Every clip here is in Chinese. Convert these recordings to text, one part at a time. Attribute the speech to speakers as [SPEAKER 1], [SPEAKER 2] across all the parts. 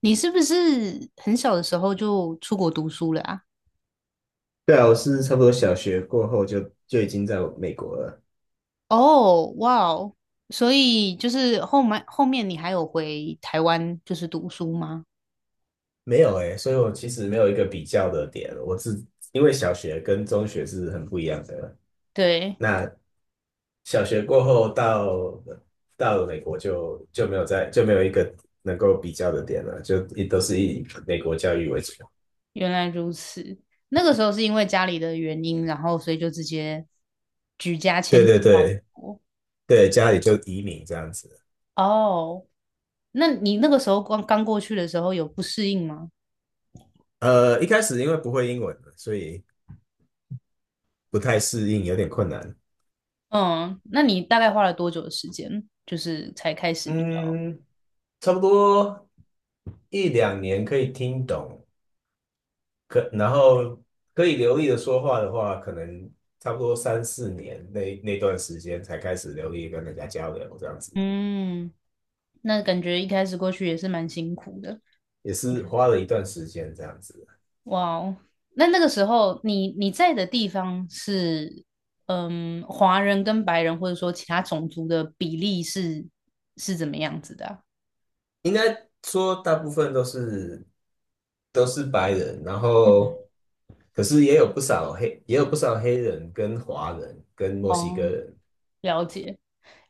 [SPEAKER 1] 你是不是很小的时候就出国读书了啊？
[SPEAKER 2] 对啊，我是差不多小学过后就已经在美国了。
[SPEAKER 1] 哦，哇哦，所以就是后面你还有回台湾就是读书吗？
[SPEAKER 2] 没有诶，所以我其实没有一个比较的点。我是因为小学跟中学是很不一样的。
[SPEAKER 1] 对。
[SPEAKER 2] 那小学过后到了美国就没有一个能够比较的点了，就也都是以美国教育为主。
[SPEAKER 1] 原来如此。那个时候是因为家里的原因，然后所以就直接举家迁
[SPEAKER 2] 对
[SPEAKER 1] 徙
[SPEAKER 2] 对
[SPEAKER 1] 到美
[SPEAKER 2] 对
[SPEAKER 1] 国。
[SPEAKER 2] 对，家里就移民这样子。
[SPEAKER 1] 哦，那你那个时候刚刚过去的时候有不适应吗？
[SPEAKER 2] 一开始因为不会英文，所以不太适应，有点困难。
[SPEAKER 1] 嗯，那你大概花了多久的时间，就是才开始比较？
[SPEAKER 2] 嗯，差不多一两年可以听懂，然后可以流利的说话的话，可能差不多三四年那段时间才开始流利地跟人家交流，这样子
[SPEAKER 1] 嗯，那感觉一开始过去也是蛮辛苦的。
[SPEAKER 2] 也是花了一段时间这样子。
[SPEAKER 1] 哇哦，那那个时候你在的地方是，嗯，华人跟白人或者说其他种族的比例是怎么样子的啊？
[SPEAKER 2] 应该说大部分都是白人，然
[SPEAKER 1] 嗯。
[SPEAKER 2] 后可是也有不少黑人跟华人跟墨西哥
[SPEAKER 1] 哦，
[SPEAKER 2] 人，
[SPEAKER 1] 了解，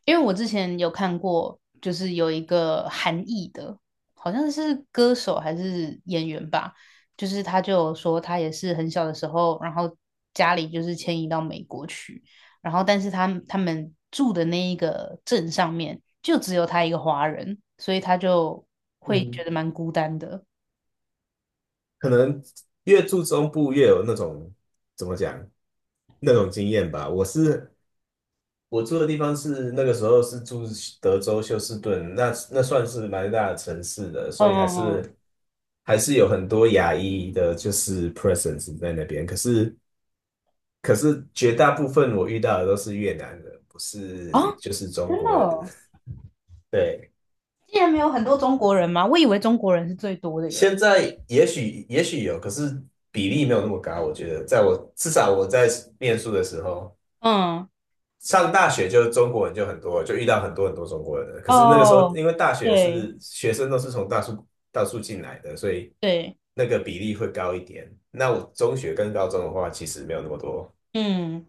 [SPEAKER 1] 因为我之前有看过，就是有一个韩裔的，好像是歌手还是演员吧，就是他就有说他也是很小的时候，然后家里就是迁移到美国去，然后但是他们住的那一个镇上面就只有他一个华人，所以他就会
[SPEAKER 2] 嗯，
[SPEAKER 1] 觉得蛮孤单的。
[SPEAKER 2] 可能越住中部越有那种怎么讲那种经验吧。我住的地方是那个时候是住德州休斯顿，那算是蛮大的城市的，
[SPEAKER 1] 嗯
[SPEAKER 2] 所以还
[SPEAKER 1] 嗯
[SPEAKER 2] 是还是有很多亚裔的，就是 presence 在那边。可是绝大部分我遇到的都是越南人，不
[SPEAKER 1] 嗯，
[SPEAKER 2] 是
[SPEAKER 1] 啊，
[SPEAKER 2] 就是中
[SPEAKER 1] 真的
[SPEAKER 2] 国人。
[SPEAKER 1] 哦，
[SPEAKER 2] 对，
[SPEAKER 1] 竟然没有很多中国人吗？我以为中国人是最多的耶。
[SPEAKER 2] 现在也许有，可是比例没有那么高，我觉得至少我在念书的时候。
[SPEAKER 1] 嗯，
[SPEAKER 2] 上大学就中国人就很多，就遇到很多很多中国人了，可是那个时候，
[SPEAKER 1] 哦，
[SPEAKER 2] 因为大学
[SPEAKER 1] 对。
[SPEAKER 2] 是学生都是从大数进来的，所以
[SPEAKER 1] 对。
[SPEAKER 2] 那个比例会高一点。那我中学跟高中的话，其实没有那么多。
[SPEAKER 1] 嗯，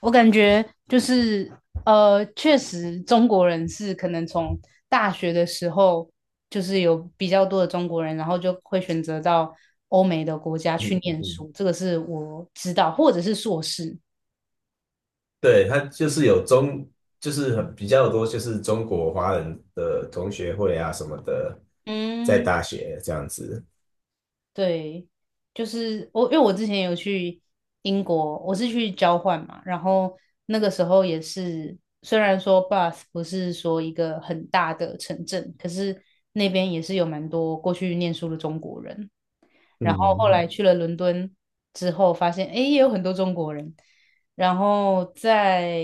[SPEAKER 1] 我感觉就是确实中国人是可能从大学的时候就是有比较多的中国人，然后就会选择到欧美的国家去念
[SPEAKER 2] 嗯，
[SPEAKER 1] 书，这个是我知道，或者是硕士。
[SPEAKER 2] 对，他就是有中，就是很比较多，就是中国华人的同学会啊什么的，在
[SPEAKER 1] 嗯。
[SPEAKER 2] 大学这样子。
[SPEAKER 1] 对，就是我，因为我之前有去英国，我是去交换嘛，然后那个时候也是，虽然说 Bath 不是说一个很大的城镇，可是那边也是有蛮多过去念书的中国人，然后后来
[SPEAKER 2] 嗯
[SPEAKER 1] 去了伦敦之后，发现诶也有很多中国人，然后在，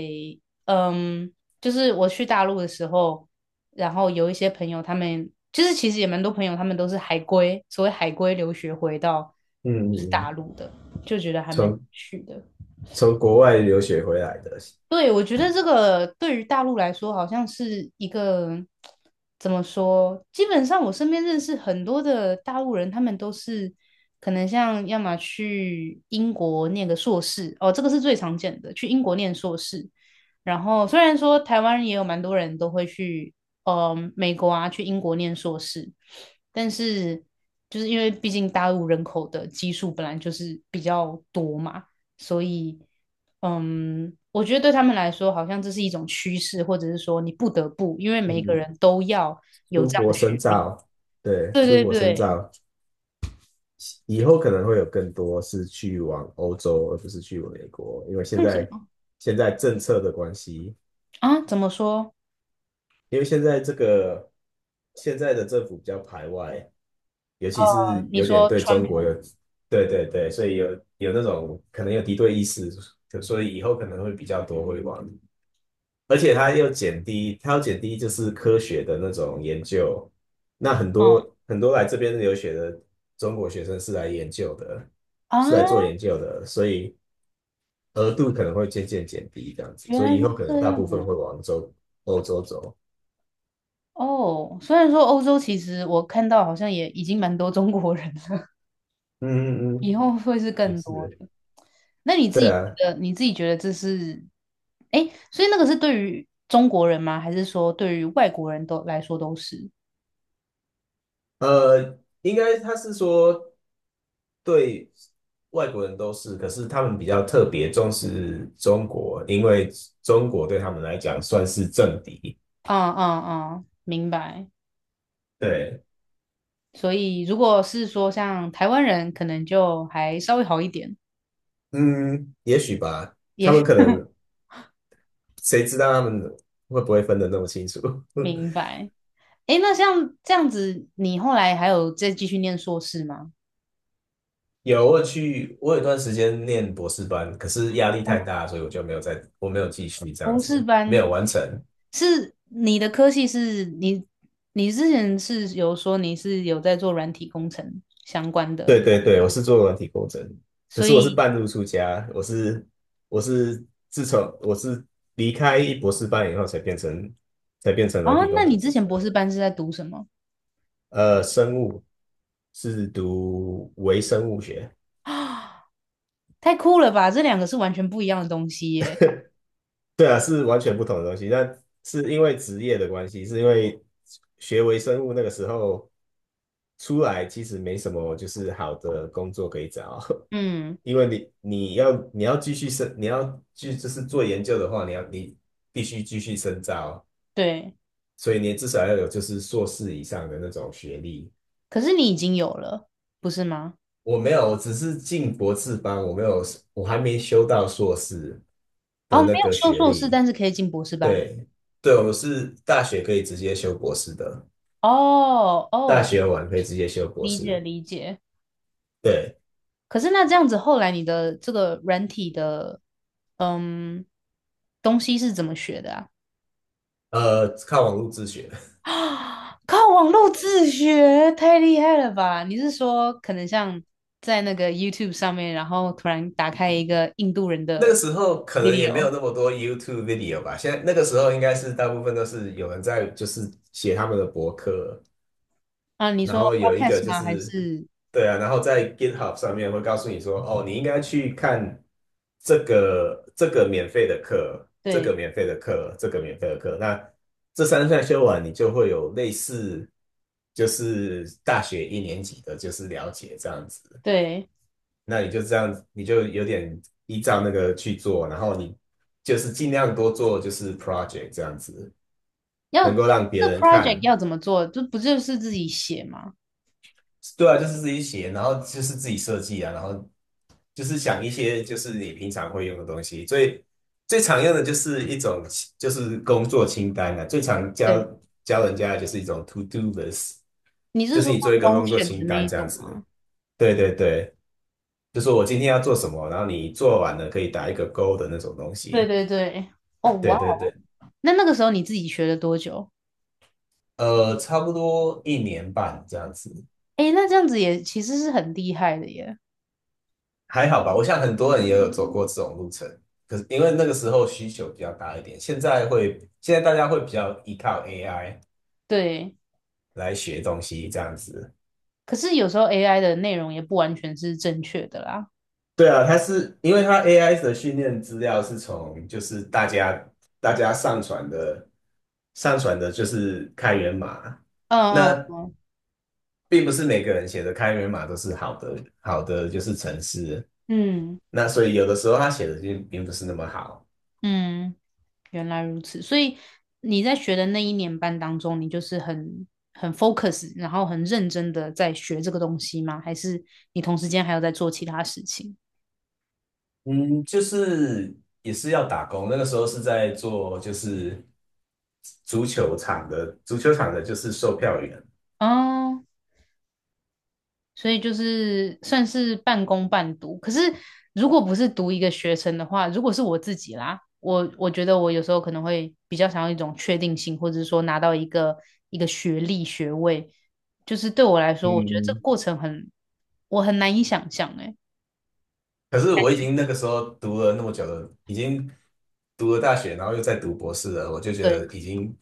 [SPEAKER 1] 嗯，就是我去大陆的时候。然后有一些朋友他们就是其实也蛮多朋友他们都是海归，所谓海归留学回到
[SPEAKER 2] 嗯，
[SPEAKER 1] 大陆的，就觉得还蛮有
[SPEAKER 2] 从
[SPEAKER 1] 趣的。
[SPEAKER 2] 从国外留学回来的，
[SPEAKER 1] 对，我觉得这个对于大陆来说，好像是一个怎么说？基本上我身边认识很多的大陆人，他们都是可能像要么去英国念个硕士，哦，这个是最常见的，去英国念硕士。然后虽然说台湾也有蛮多人都会去，美国啊，去英国念硕士，但是就是因为毕竟大陆人口的基数本来就是比较多嘛。所以，嗯，我觉得对他们来说，好像这是一种趋势，或者是说你不得不，因为每一个
[SPEAKER 2] 嗯，
[SPEAKER 1] 人都要有
[SPEAKER 2] 出
[SPEAKER 1] 这样
[SPEAKER 2] 国
[SPEAKER 1] 的
[SPEAKER 2] 深
[SPEAKER 1] 学历。
[SPEAKER 2] 造，对，
[SPEAKER 1] 对
[SPEAKER 2] 出
[SPEAKER 1] 对
[SPEAKER 2] 国深
[SPEAKER 1] 对。
[SPEAKER 2] 造。以后可能会有更多是去往欧洲，而不是去美国，因为现
[SPEAKER 1] 为什
[SPEAKER 2] 在
[SPEAKER 1] 么
[SPEAKER 2] 现在政策的关系，
[SPEAKER 1] 啊？怎么说？
[SPEAKER 2] 因为现在的政府比较排外，尤其是
[SPEAKER 1] 你
[SPEAKER 2] 有点
[SPEAKER 1] 说
[SPEAKER 2] 对
[SPEAKER 1] 川
[SPEAKER 2] 中国有，
[SPEAKER 1] 普？
[SPEAKER 2] 对对对，所以有那种可能有敌对意识，所以以后可能会比较多会往，而且它要减低就是科学的那种研究，那很
[SPEAKER 1] 嗯。
[SPEAKER 2] 多很多来这边留学的中国学生是来研究的。
[SPEAKER 1] 啊，
[SPEAKER 2] 是来做研究的，所以额度可能会渐渐减低这样子，
[SPEAKER 1] 原
[SPEAKER 2] 所
[SPEAKER 1] 来
[SPEAKER 2] 以以后
[SPEAKER 1] 是
[SPEAKER 2] 可能
[SPEAKER 1] 这
[SPEAKER 2] 大
[SPEAKER 1] 样
[SPEAKER 2] 部分会
[SPEAKER 1] 啊。
[SPEAKER 2] 往欧洲走。
[SPEAKER 1] 哦，虽然说欧洲其实我看到好像也已经蛮多中国人了。
[SPEAKER 2] 嗯嗯
[SPEAKER 1] 以
[SPEAKER 2] 嗯，
[SPEAKER 1] 后会是
[SPEAKER 2] 也
[SPEAKER 1] 更多
[SPEAKER 2] 是，
[SPEAKER 1] 的。那你自
[SPEAKER 2] 对
[SPEAKER 1] 己
[SPEAKER 2] 啊，
[SPEAKER 1] 觉得，你自己觉得这是，哎，所以那个是对于中国人吗？还是说对于外国人都来说都是？
[SPEAKER 2] 应该他是说对外国人都是，可是他们比较特别重视中国，因为中国对他们来讲算是政敌。
[SPEAKER 1] 嗯嗯嗯，明白。
[SPEAKER 2] 对，
[SPEAKER 1] 所以如果是说像台湾人，可能就还稍微好一点，
[SPEAKER 2] 嗯，也许吧，
[SPEAKER 1] 也
[SPEAKER 2] 他们可能谁知道他们会不会分得那么清楚？
[SPEAKER 1] 明 白。哎，那像这样子，你后来还有再继续念硕士吗？
[SPEAKER 2] 有，我有去，我有一段时间念博士班，可是压力太
[SPEAKER 1] 哦，
[SPEAKER 2] 大，所以我就没有再，我没有继续这样
[SPEAKER 1] 博士
[SPEAKER 2] 子，没
[SPEAKER 1] 班，
[SPEAKER 2] 有完成。
[SPEAKER 1] 是你的科系是你，你之前是有说你是有在做软体工程相关
[SPEAKER 2] 对
[SPEAKER 1] 的
[SPEAKER 2] 对
[SPEAKER 1] 工
[SPEAKER 2] 对，
[SPEAKER 1] 作
[SPEAKER 2] 我是做软体工程，可
[SPEAKER 1] 所
[SPEAKER 2] 是我是
[SPEAKER 1] 以
[SPEAKER 2] 半路出家，我是我是自从我是离开博士班以后才变成软
[SPEAKER 1] 啊，
[SPEAKER 2] 体
[SPEAKER 1] 那
[SPEAKER 2] 工
[SPEAKER 1] 你
[SPEAKER 2] 程
[SPEAKER 1] 之
[SPEAKER 2] 师，
[SPEAKER 1] 前博士班是在读什么
[SPEAKER 2] 呃，生物是读微生物学，
[SPEAKER 1] 啊？太酷了吧！这两个是完全不一样的东西耶。
[SPEAKER 2] 对啊，是完全不同的东西，但是因为职业的关系，是因为学微生物那个时候。出来其实没什么就是好的工作可以找，
[SPEAKER 1] 嗯，
[SPEAKER 2] 因为你你要你要继续深，你要继就是做研究的话，你必须继续深造，
[SPEAKER 1] 对。
[SPEAKER 2] 所以你至少要有就是硕士以上的那种学历。
[SPEAKER 1] 可是你已经有了，不是吗？
[SPEAKER 2] 我没有，我只是进博士班，我没有，我还没修到硕士
[SPEAKER 1] 哦，
[SPEAKER 2] 的
[SPEAKER 1] 没
[SPEAKER 2] 那
[SPEAKER 1] 有
[SPEAKER 2] 个
[SPEAKER 1] 修
[SPEAKER 2] 学
[SPEAKER 1] 硕士，
[SPEAKER 2] 历。
[SPEAKER 1] 但是可以进博士班。
[SPEAKER 2] 对，对，我是大学可以直接修博士的，
[SPEAKER 1] 哦
[SPEAKER 2] 大
[SPEAKER 1] 哦，
[SPEAKER 2] 学完可以直接修博
[SPEAKER 1] 理解
[SPEAKER 2] 士。
[SPEAKER 1] 理解。
[SPEAKER 2] 对，
[SPEAKER 1] 可是那这样子，后来你的这个软体的，嗯，东西是怎么学的啊？
[SPEAKER 2] 靠网络自学。
[SPEAKER 1] 啊，靠网络自学，太厉害了吧？你是说可能像在那个 YouTube 上面，然后突然打开一个印度人
[SPEAKER 2] 那个
[SPEAKER 1] 的
[SPEAKER 2] 时候可能也没有
[SPEAKER 1] video
[SPEAKER 2] 那么多 YouTube video 吧，那个时候应该是大部分都是有人在就是写他们的博客，
[SPEAKER 1] 啊？你
[SPEAKER 2] 然
[SPEAKER 1] 说
[SPEAKER 2] 后有一个
[SPEAKER 1] podcast
[SPEAKER 2] 就
[SPEAKER 1] 吗？还
[SPEAKER 2] 是
[SPEAKER 1] 是
[SPEAKER 2] 对啊，然后在 GitHub 上面会告诉你说，哦，你应该去看这个免费的课，这
[SPEAKER 1] 对
[SPEAKER 2] 个免费的课，这个免费的课，那这三项修完，你就会有类似就是大学一年级的就是了解这样子。
[SPEAKER 1] 对，
[SPEAKER 2] 那你就这样子，你就有点依照那个去做，然后你就是尽量多做就是 project 这样子，
[SPEAKER 1] 要
[SPEAKER 2] 能够让别
[SPEAKER 1] 这
[SPEAKER 2] 人
[SPEAKER 1] project
[SPEAKER 2] 看。
[SPEAKER 1] 要怎么做？这不就是自己写吗？
[SPEAKER 2] 对啊，就是自己写，然后就是自己设计啊，然后就是想一些就是你平常会用的东西。最常用的就是一种就是工作清单啊，最常教
[SPEAKER 1] 对，
[SPEAKER 2] 教人家的就是一种 to do list，
[SPEAKER 1] 你
[SPEAKER 2] 就
[SPEAKER 1] 是
[SPEAKER 2] 是
[SPEAKER 1] 说
[SPEAKER 2] 你做一个
[SPEAKER 1] 像 n
[SPEAKER 2] 工作
[SPEAKER 1] 选的
[SPEAKER 2] 清
[SPEAKER 1] 那一
[SPEAKER 2] 单这样
[SPEAKER 1] 种吗？
[SPEAKER 2] 子。对对对，就是我今天要做什么，然后你做完了可以打一个勾的那种东
[SPEAKER 1] 对
[SPEAKER 2] 西。
[SPEAKER 1] 对对，哦哇
[SPEAKER 2] 对
[SPEAKER 1] 哦，
[SPEAKER 2] 对对，
[SPEAKER 1] 那那个时候你自己学了多久？
[SPEAKER 2] 差不多一年半这样子，
[SPEAKER 1] 诶，那这样子也其实是很厉害的耶。
[SPEAKER 2] 还好吧。我想很多人也有走过这种路程，可是因为那个时候需求比较大一点，现在大家会比较依靠 AI
[SPEAKER 1] 对，
[SPEAKER 2] 来学东西这样子。
[SPEAKER 1] 可是有时候 AI 的内容也不完全是正确的啦。
[SPEAKER 2] 对啊，它是因为它 AI 的训练资料是从就是大家上传的就是开源码，
[SPEAKER 1] 嗯
[SPEAKER 2] 那并不是每个人写的开源码都是好的就是程式。
[SPEAKER 1] 嗯
[SPEAKER 2] 那所以有的时候他写的就并不是那么好。
[SPEAKER 1] 嗯嗯，原来如此。所以你在学的那一年班当中，你就是很 focus，然后很认真的在学这个东西吗？还是你同时间还有在做其他事情？
[SPEAKER 2] 嗯，就是也是要打工，那个时候是在做就是足球场的就是售票员。
[SPEAKER 1] 哦，所以就是算是半工半读。可是如果不是读一个学程的话，如果是我自己啦，我觉得我有时候可能会比较想要一种确定性，或者是说拿到一个学历学位，就是对我来说，我觉得这个
[SPEAKER 2] 嗯，
[SPEAKER 1] 过程很我很难以想象哎、
[SPEAKER 2] 可是我已经那个时候读了那么久了，已经读了大学，然后又在读博士了，我就觉得
[SPEAKER 1] 对，
[SPEAKER 2] 已经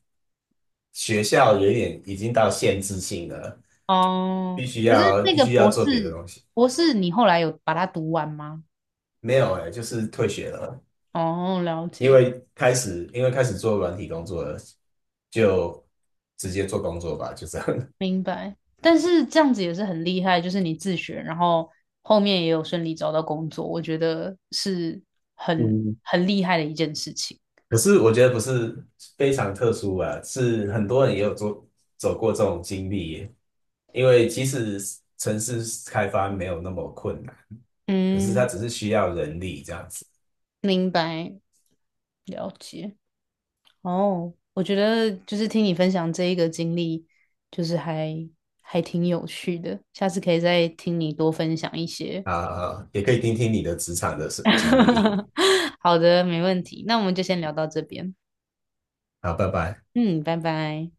[SPEAKER 2] 学校有一点已经到限制性了，
[SPEAKER 1] 哦，
[SPEAKER 2] 必须
[SPEAKER 1] 可是
[SPEAKER 2] 要
[SPEAKER 1] 那
[SPEAKER 2] 必
[SPEAKER 1] 个
[SPEAKER 2] 须要
[SPEAKER 1] 博
[SPEAKER 2] 做别的
[SPEAKER 1] 士
[SPEAKER 2] 东西。
[SPEAKER 1] 博士，你后来有把它读完吗？
[SPEAKER 2] 没有哎、就是退学了。
[SPEAKER 1] 哦，了
[SPEAKER 2] 因
[SPEAKER 1] 解。
[SPEAKER 2] 为开始因为开始做软体工作了，就直接做工作吧，就这样。
[SPEAKER 1] 明白，但是这样子也是很厉害，就是你自学，然后后面也有顺利找到工作，我觉得是很
[SPEAKER 2] 嗯，
[SPEAKER 1] 很厉害的一件事情。
[SPEAKER 2] 可是我觉得不是非常特殊啊，是很多人也有走过这种经历，因为其实城市开发没有那么困难，可是它
[SPEAKER 1] 嗯，
[SPEAKER 2] 只是需要人力这样子
[SPEAKER 1] 明白，了解。哦，我觉得就是听你分享这一个经历，就是还挺有趣的，下次可以再听你多分享一些。
[SPEAKER 2] 啊，也可以听听你的职场的经历。
[SPEAKER 1] 好的，没问题。那我们就先聊到这边。
[SPEAKER 2] 好，拜拜。
[SPEAKER 1] 嗯，拜拜。